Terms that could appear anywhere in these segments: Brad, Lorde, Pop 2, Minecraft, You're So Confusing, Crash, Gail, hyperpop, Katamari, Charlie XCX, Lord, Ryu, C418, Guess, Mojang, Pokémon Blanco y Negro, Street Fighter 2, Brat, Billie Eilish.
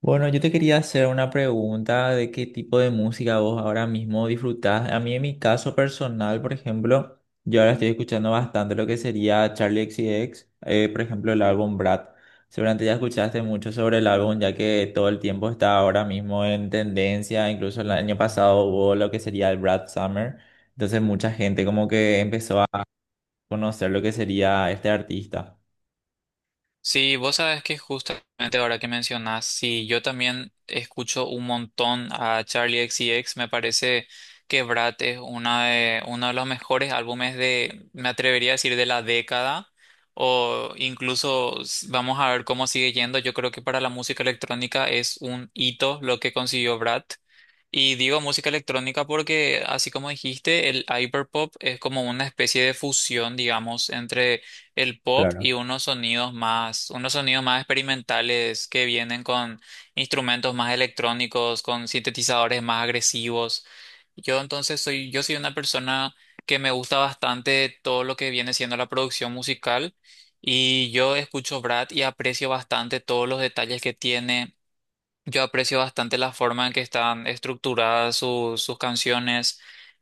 Bueno, yo te quería hacer una pregunta de qué tipo de música vos ahora mismo disfrutás. A mí en mi caso personal, por ejemplo, yo ahora estoy escuchando bastante lo que sería Charlie X C X, por ejemplo, el álbum Brad. Seguramente ya escuchaste mucho sobre el álbum, ya que todo el tiempo está ahora mismo en tendencia, incluso el año pasado hubo lo que sería el Brad Summer, entonces mucha gente como que empezó a conocer lo que sería este artista. Sí, vos sabes que justamente ahora que mencionás, sí, yo también escucho un montón a Charlie X C X. Me parece que Brad es uno de los mejores álbumes de, me atrevería a decir, de la década, o incluso vamos a ver cómo sigue yendo. Yo creo que para la música electrónica es un hito lo que consiguió Brad. Y digo música electrónica porque, así como dijiste, el hyperpop es como una especie de fusión, digamos, entre el pop y unos sonidos más experimentales que vienen con instrumentos más electrónicos, con sintetizadores más agresivos. Yo soy una persona que me gusta bastante todo lo que viene siendo la producción musical, y yo escucho Brad y aprecio bastante todos los detalles que tiene. Yo aprecio bastante la forma en que están estructuradas sus canciones.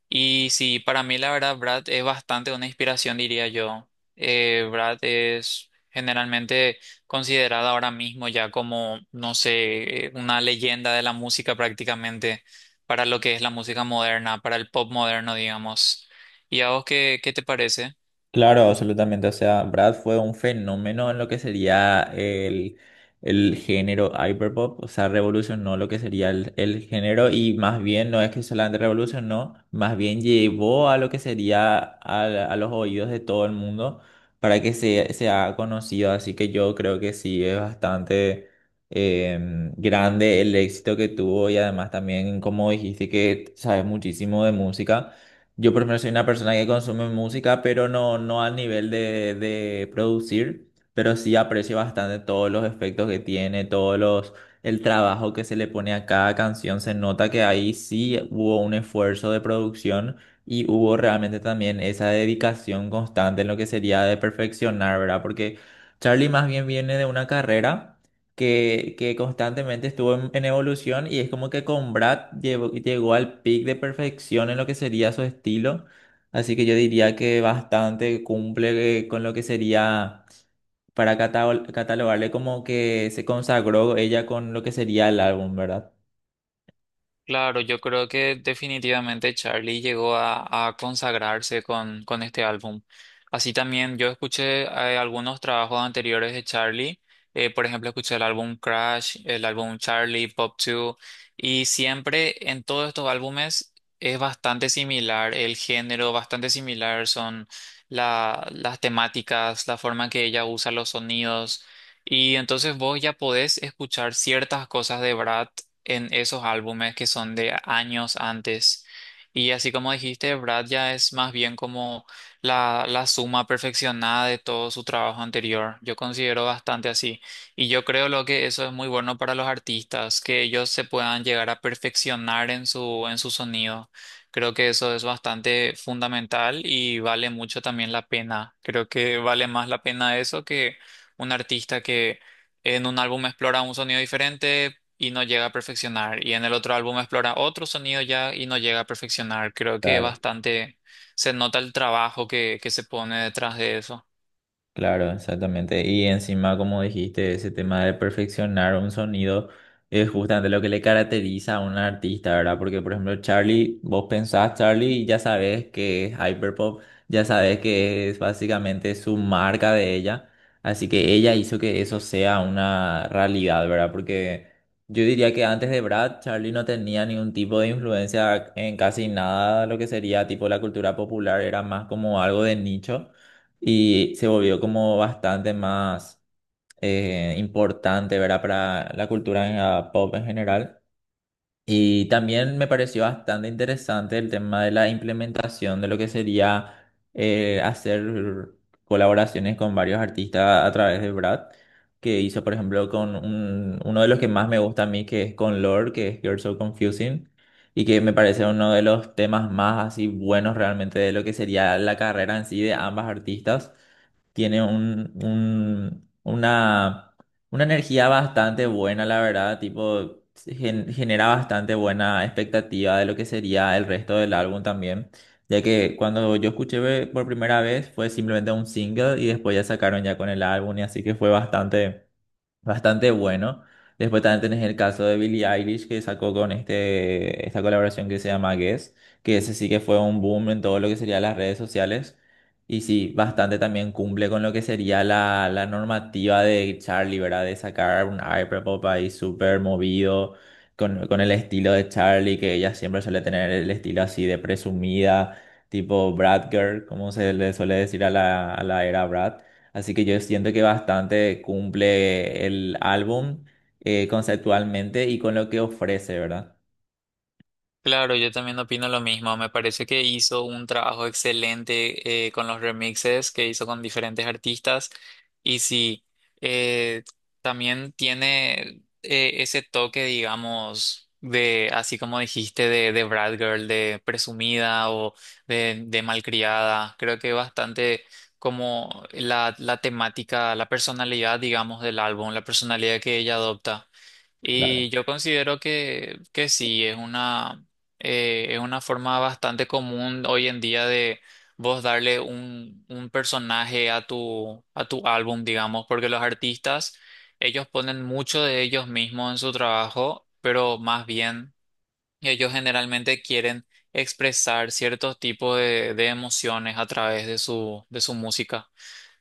Y sí, para mí la verdad, Brad es bastante una inspiración, diría yo. Brad es generalmente considerada ahora mismo ya como, no sé, una leyenda de la música prácticamente, para lo que es la música moderna, para el pop moderno, digamos. ¿Y a vos qué te parece? Claro, absolutamente. O sea, Brad fue un fenómeno en lo que sería el género hyperpop. O sea, revolucionó lo que sería el género y más bien no es que solamente revolucionó, más bien llevó a lo que sería a los oídos de todo el mundo para que sea conocido. Así que yo creo que sí es bastante grande el éxito que tuvo y además también, como dijiste, que sabes muchísimo de música. Yo por lo menos soy una persona que consume música, pero no al nivel de producir, pero sí aprecio bastante todos los efectos que tiene, el trabajo que se le pone a cada canción. Se nota que ahí sí hubo un esfuerzo de producción y hubo realmente también esa dedicación constante en lo que sería de perfeccionar, ¿verdad? Porque Charlie más bien viene de una carrera que constantemente estuvo en evolución y es como que con Brad llegó al pic de perfección en lo que sería su estilo. Así que yo diría que bastante cumple con lo que sería para catalogarle como que se consagró ella con lo que sería el álbum, ¿verdad? Claro, yo creo que definitivamente Charlie llegó a consagrarse con este álbum. Así también yo escuché algunos trabajos anteriores de Charlie. Eh, por ejemplo, escuché el álbum Crash, el álbum Charlie, Pop 2, y siempre en todos estos álbumes es bastante similar el género, bastante similar son las temáticas, la forma en que ella usa los sonidos. Y entonces vos ya podés escuchar ciertas cosas de Brad en esos álbumes que son de años antes. Y así como dijiste, Brad ya es más bien como la suma perfeccionada de todo su trabajo anterior. Yo considero bastante así. Y yo creo lo que eso es muy bueno para los artistas, que ellos se puedan llegar a perfeccionar en en su sonido. Creo que eso es bastante fundamental y vale mucho también la pena. Creo que vale más la pena eso que un artista que en un álbum explora un sonido diferente y no llega a perfeccionar. Y en el otro álbum explora otro sonido ya y no llega a perfeccionar. Creo que bastante se nota el trabajo que se pone detrás de eso. Claro, exactamente. Y encima, como dijiste, ese tema de perfeccionar un sonido es justamente lo que le caracteriza a un artista, ¿verdad? Porque, por ejemplo, Charlie, vos pensás Charlie y ya sabes que es hyperpop, ya sabes que es básicamente su marca de ella. Así que ella hizo que eso sea una realidad, ¿verdad? Porque yo diría que antes de Brad, Charlie no tenía ningún tipo de influencia en casi nada, lo que sería tipo la cultura popular, era más como algo de nicho y se volvió como bastante más importante, ¿verdad? Para la cultura en la pop en general. Y también me pareció bastante interesante el tema de la implementación de lo que sería hacer colaboraciones con varios artistas a través de Brad, que hizo, por ejemplo, con uno de los que más me gusta a mí, que es con Lorde, que es You're So Confusing. Y que me parece uno de los temas más así buenos realmente de lo que sería la carrera en sí de ambas artistas. Tiene una energía bastante buena, la verdad, tipo, genera bastante buena expectativa de lo que sería el resto del álbum también, ya que cuando yo escuché por primera vez fue simplemente un single y después ya sacaron ya con el álbum y así que fue bastante bueno. Después también tenés el caso de Billie Eilish que sacó con esta colaboración que se llama Guess, que ese sí que fue un boom en todo lo que sería las redes sociales. Y sí, bastante también cumple con lo que sería la normativa de Charlie, ¿verdad? De sacar un hyperpop ahí súper movido, con el estilo de Charlie, que ella siempre suele tener el estilo así de presumida, tipo Brat Girl, como se le suele decir a a la era Brad. Así que yo siento que bastante cumple el álbum conceptualmente y con lo que ofrece, ¿verdad? Claro, yo también opino lo mismo. Me parece que hizo un trabajo excelente con los remixes que hizo con diferentes artistas. Y sí, eh, también tiene ese toque, digamos, así como dijiste, de Brat Girl, de presumida o de malcriada. Creo que bastante como la temática, la personalidad, digamos, del álbum, la personalidad que ella adopta. Claro, Y yo considero que sí, es una forma bastante común hoy en día de vos darle un personaje a a tu álbum, digamos, porque los artistas, ellos ponen mucho de ellos mismos en su trabajo, pero más bien ellos generalmente quieren expresar ciertos tipos de emociones a través de de su música.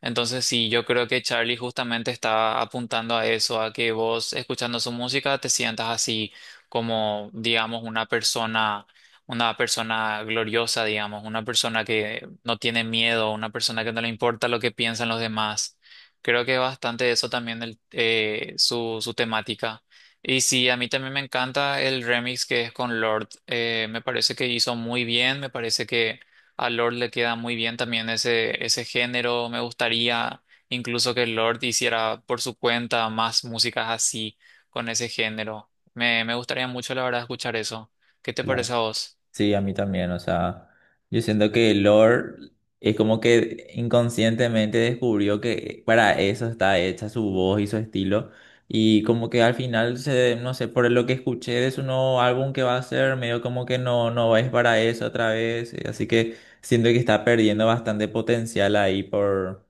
Entonces, sí, yo creo que Charlie justamente está apuntando a eso, a que vos escuchando su música te sientas así como, digamos, una persona gloriosa, digamos, una persona que no tiene miedo, una persona que no le importa lo que piensan los demás. Creo que es bastante eso también su, su temática. Y sí, a mí también me encanta el remix que es con Lord. Me parece que hizo muy bien, me parece que a Lord le queda muy bien también ese género. Me gustaría incluso que Lord hiciera por su cuenta más músicas así, con ese género. Me gustaría mucho, la verdad, escuchar eso. ¿Qué te parece claro. a vos? Sí, a mí también, o sea, yo siento que Lord es como que inconscientemente descubrió que para eso está hecha su voz y su estilo y como que al final se, no sé, por lo que escuché de su nuevo álbum que va a hacer, medio como que no es para eso otra vez, así que siento que está perdiendo bastante potencial ahí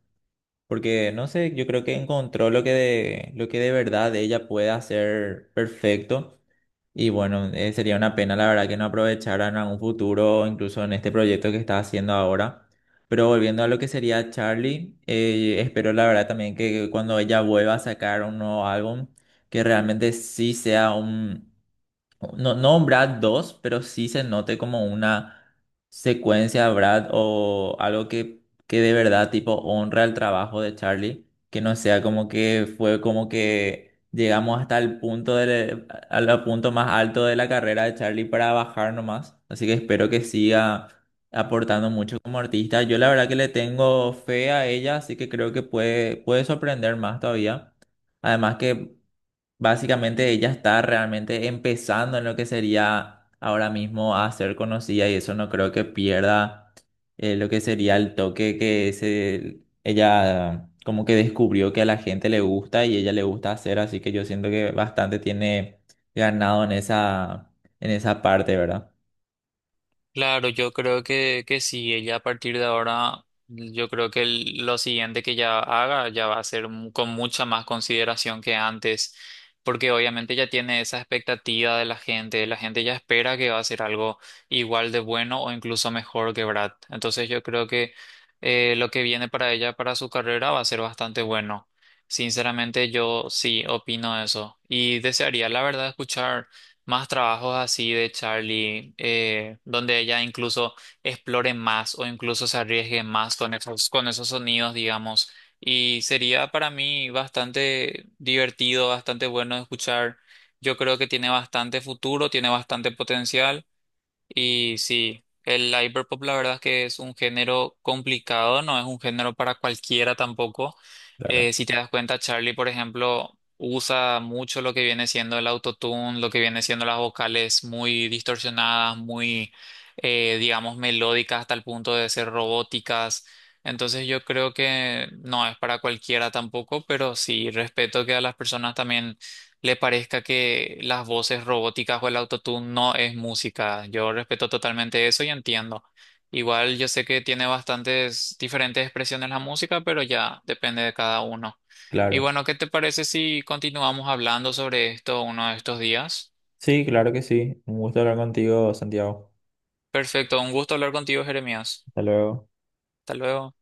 Porque, no sé, yo creo que encontró lo que de verdad ella puede hacer perfecto. Y bueno, sería una pena, la verdad, que no aprovecharan a un futuro, incluso en este proyecto que está haciendo ahora. Pero volviendo a lo que sería Charlie, espero la verdad también que cuando ella vuelva a sacar un nuevo álbum, que realmente sí sea no, no un Brad 2, pero sí se note como una secuencia Brad o algo que de verdad tipo honra el trabajo de Charlie, que no sea como que fue como que llegamos hasta el punto al punto más alto de la carrera de Charlie para bajar nomás. Así que espero que siga aportando mucho como artista. Yo la verdad que le tengo fe a ella, así que creo que puede sorprender más todavía. Además que Básicamente ella está realmente empezando en lo que sería ahora mismo a ser conocida y eso no creo que pierda lo que sería el toque ella como que descubrió que a la gente le gusta y ella le gusta hacer, así que yo siento que bastante tiene ganado en esa parte, ¿verdad? Claro, yo creo que sí, ella a partir de ahora, yo creo que lo siguiente que ella haga ya va a ser con mucha más consideración que antes, porque obviamente ya tiene esa expectativa de la gente ya espera que va a ser algo igual de bueno o incluso mejor que Brad. Entonces yo creo que lo que viene para ella, para su carrera, va a ser bastante bueno. Sinceramente yo sí opino eso y desearía la verdad escuchar más trabajos así de Charlie, donde ella incluso explore más o incluso se arriesgue más con con esos sonidos, digamos. Y sería para mí bastante divertido, bastante bueno de escuchar. Yo creo que tiene bastante futuro, tiene bastante potencial. Y sí, el hyperpop la verdad es que es un género complicado, no es un género para cualquiera tampoco. Claro, Si te das cuenta, Charlie, por ejemplo, usa mucho lo que viene siendo el autotune, lo que viene siendo las vocales muy distorsionadas, muy, digamos, melódicas hasta el punto de ser robóticas. Entonces yo creo que no es para cualquiera tampoco, pero sí respeto que a las personas también le parezca que las voces robóticas o el autotune no es música. Yo respeto totalmente eso y entiendo. Igual yo sé que tiene bastantes diferentes expresiones la música, pero ya depende de cada uno. Y claro. bueno, ¿qué te parece si continuamos hablando sobre esto uno de estos días? Sí, claro que sí. Un gusto hablar contigo, Santiago. Perfecto, un gusto hablar contigo, Jeremías. Hasta luego. Hasta luego.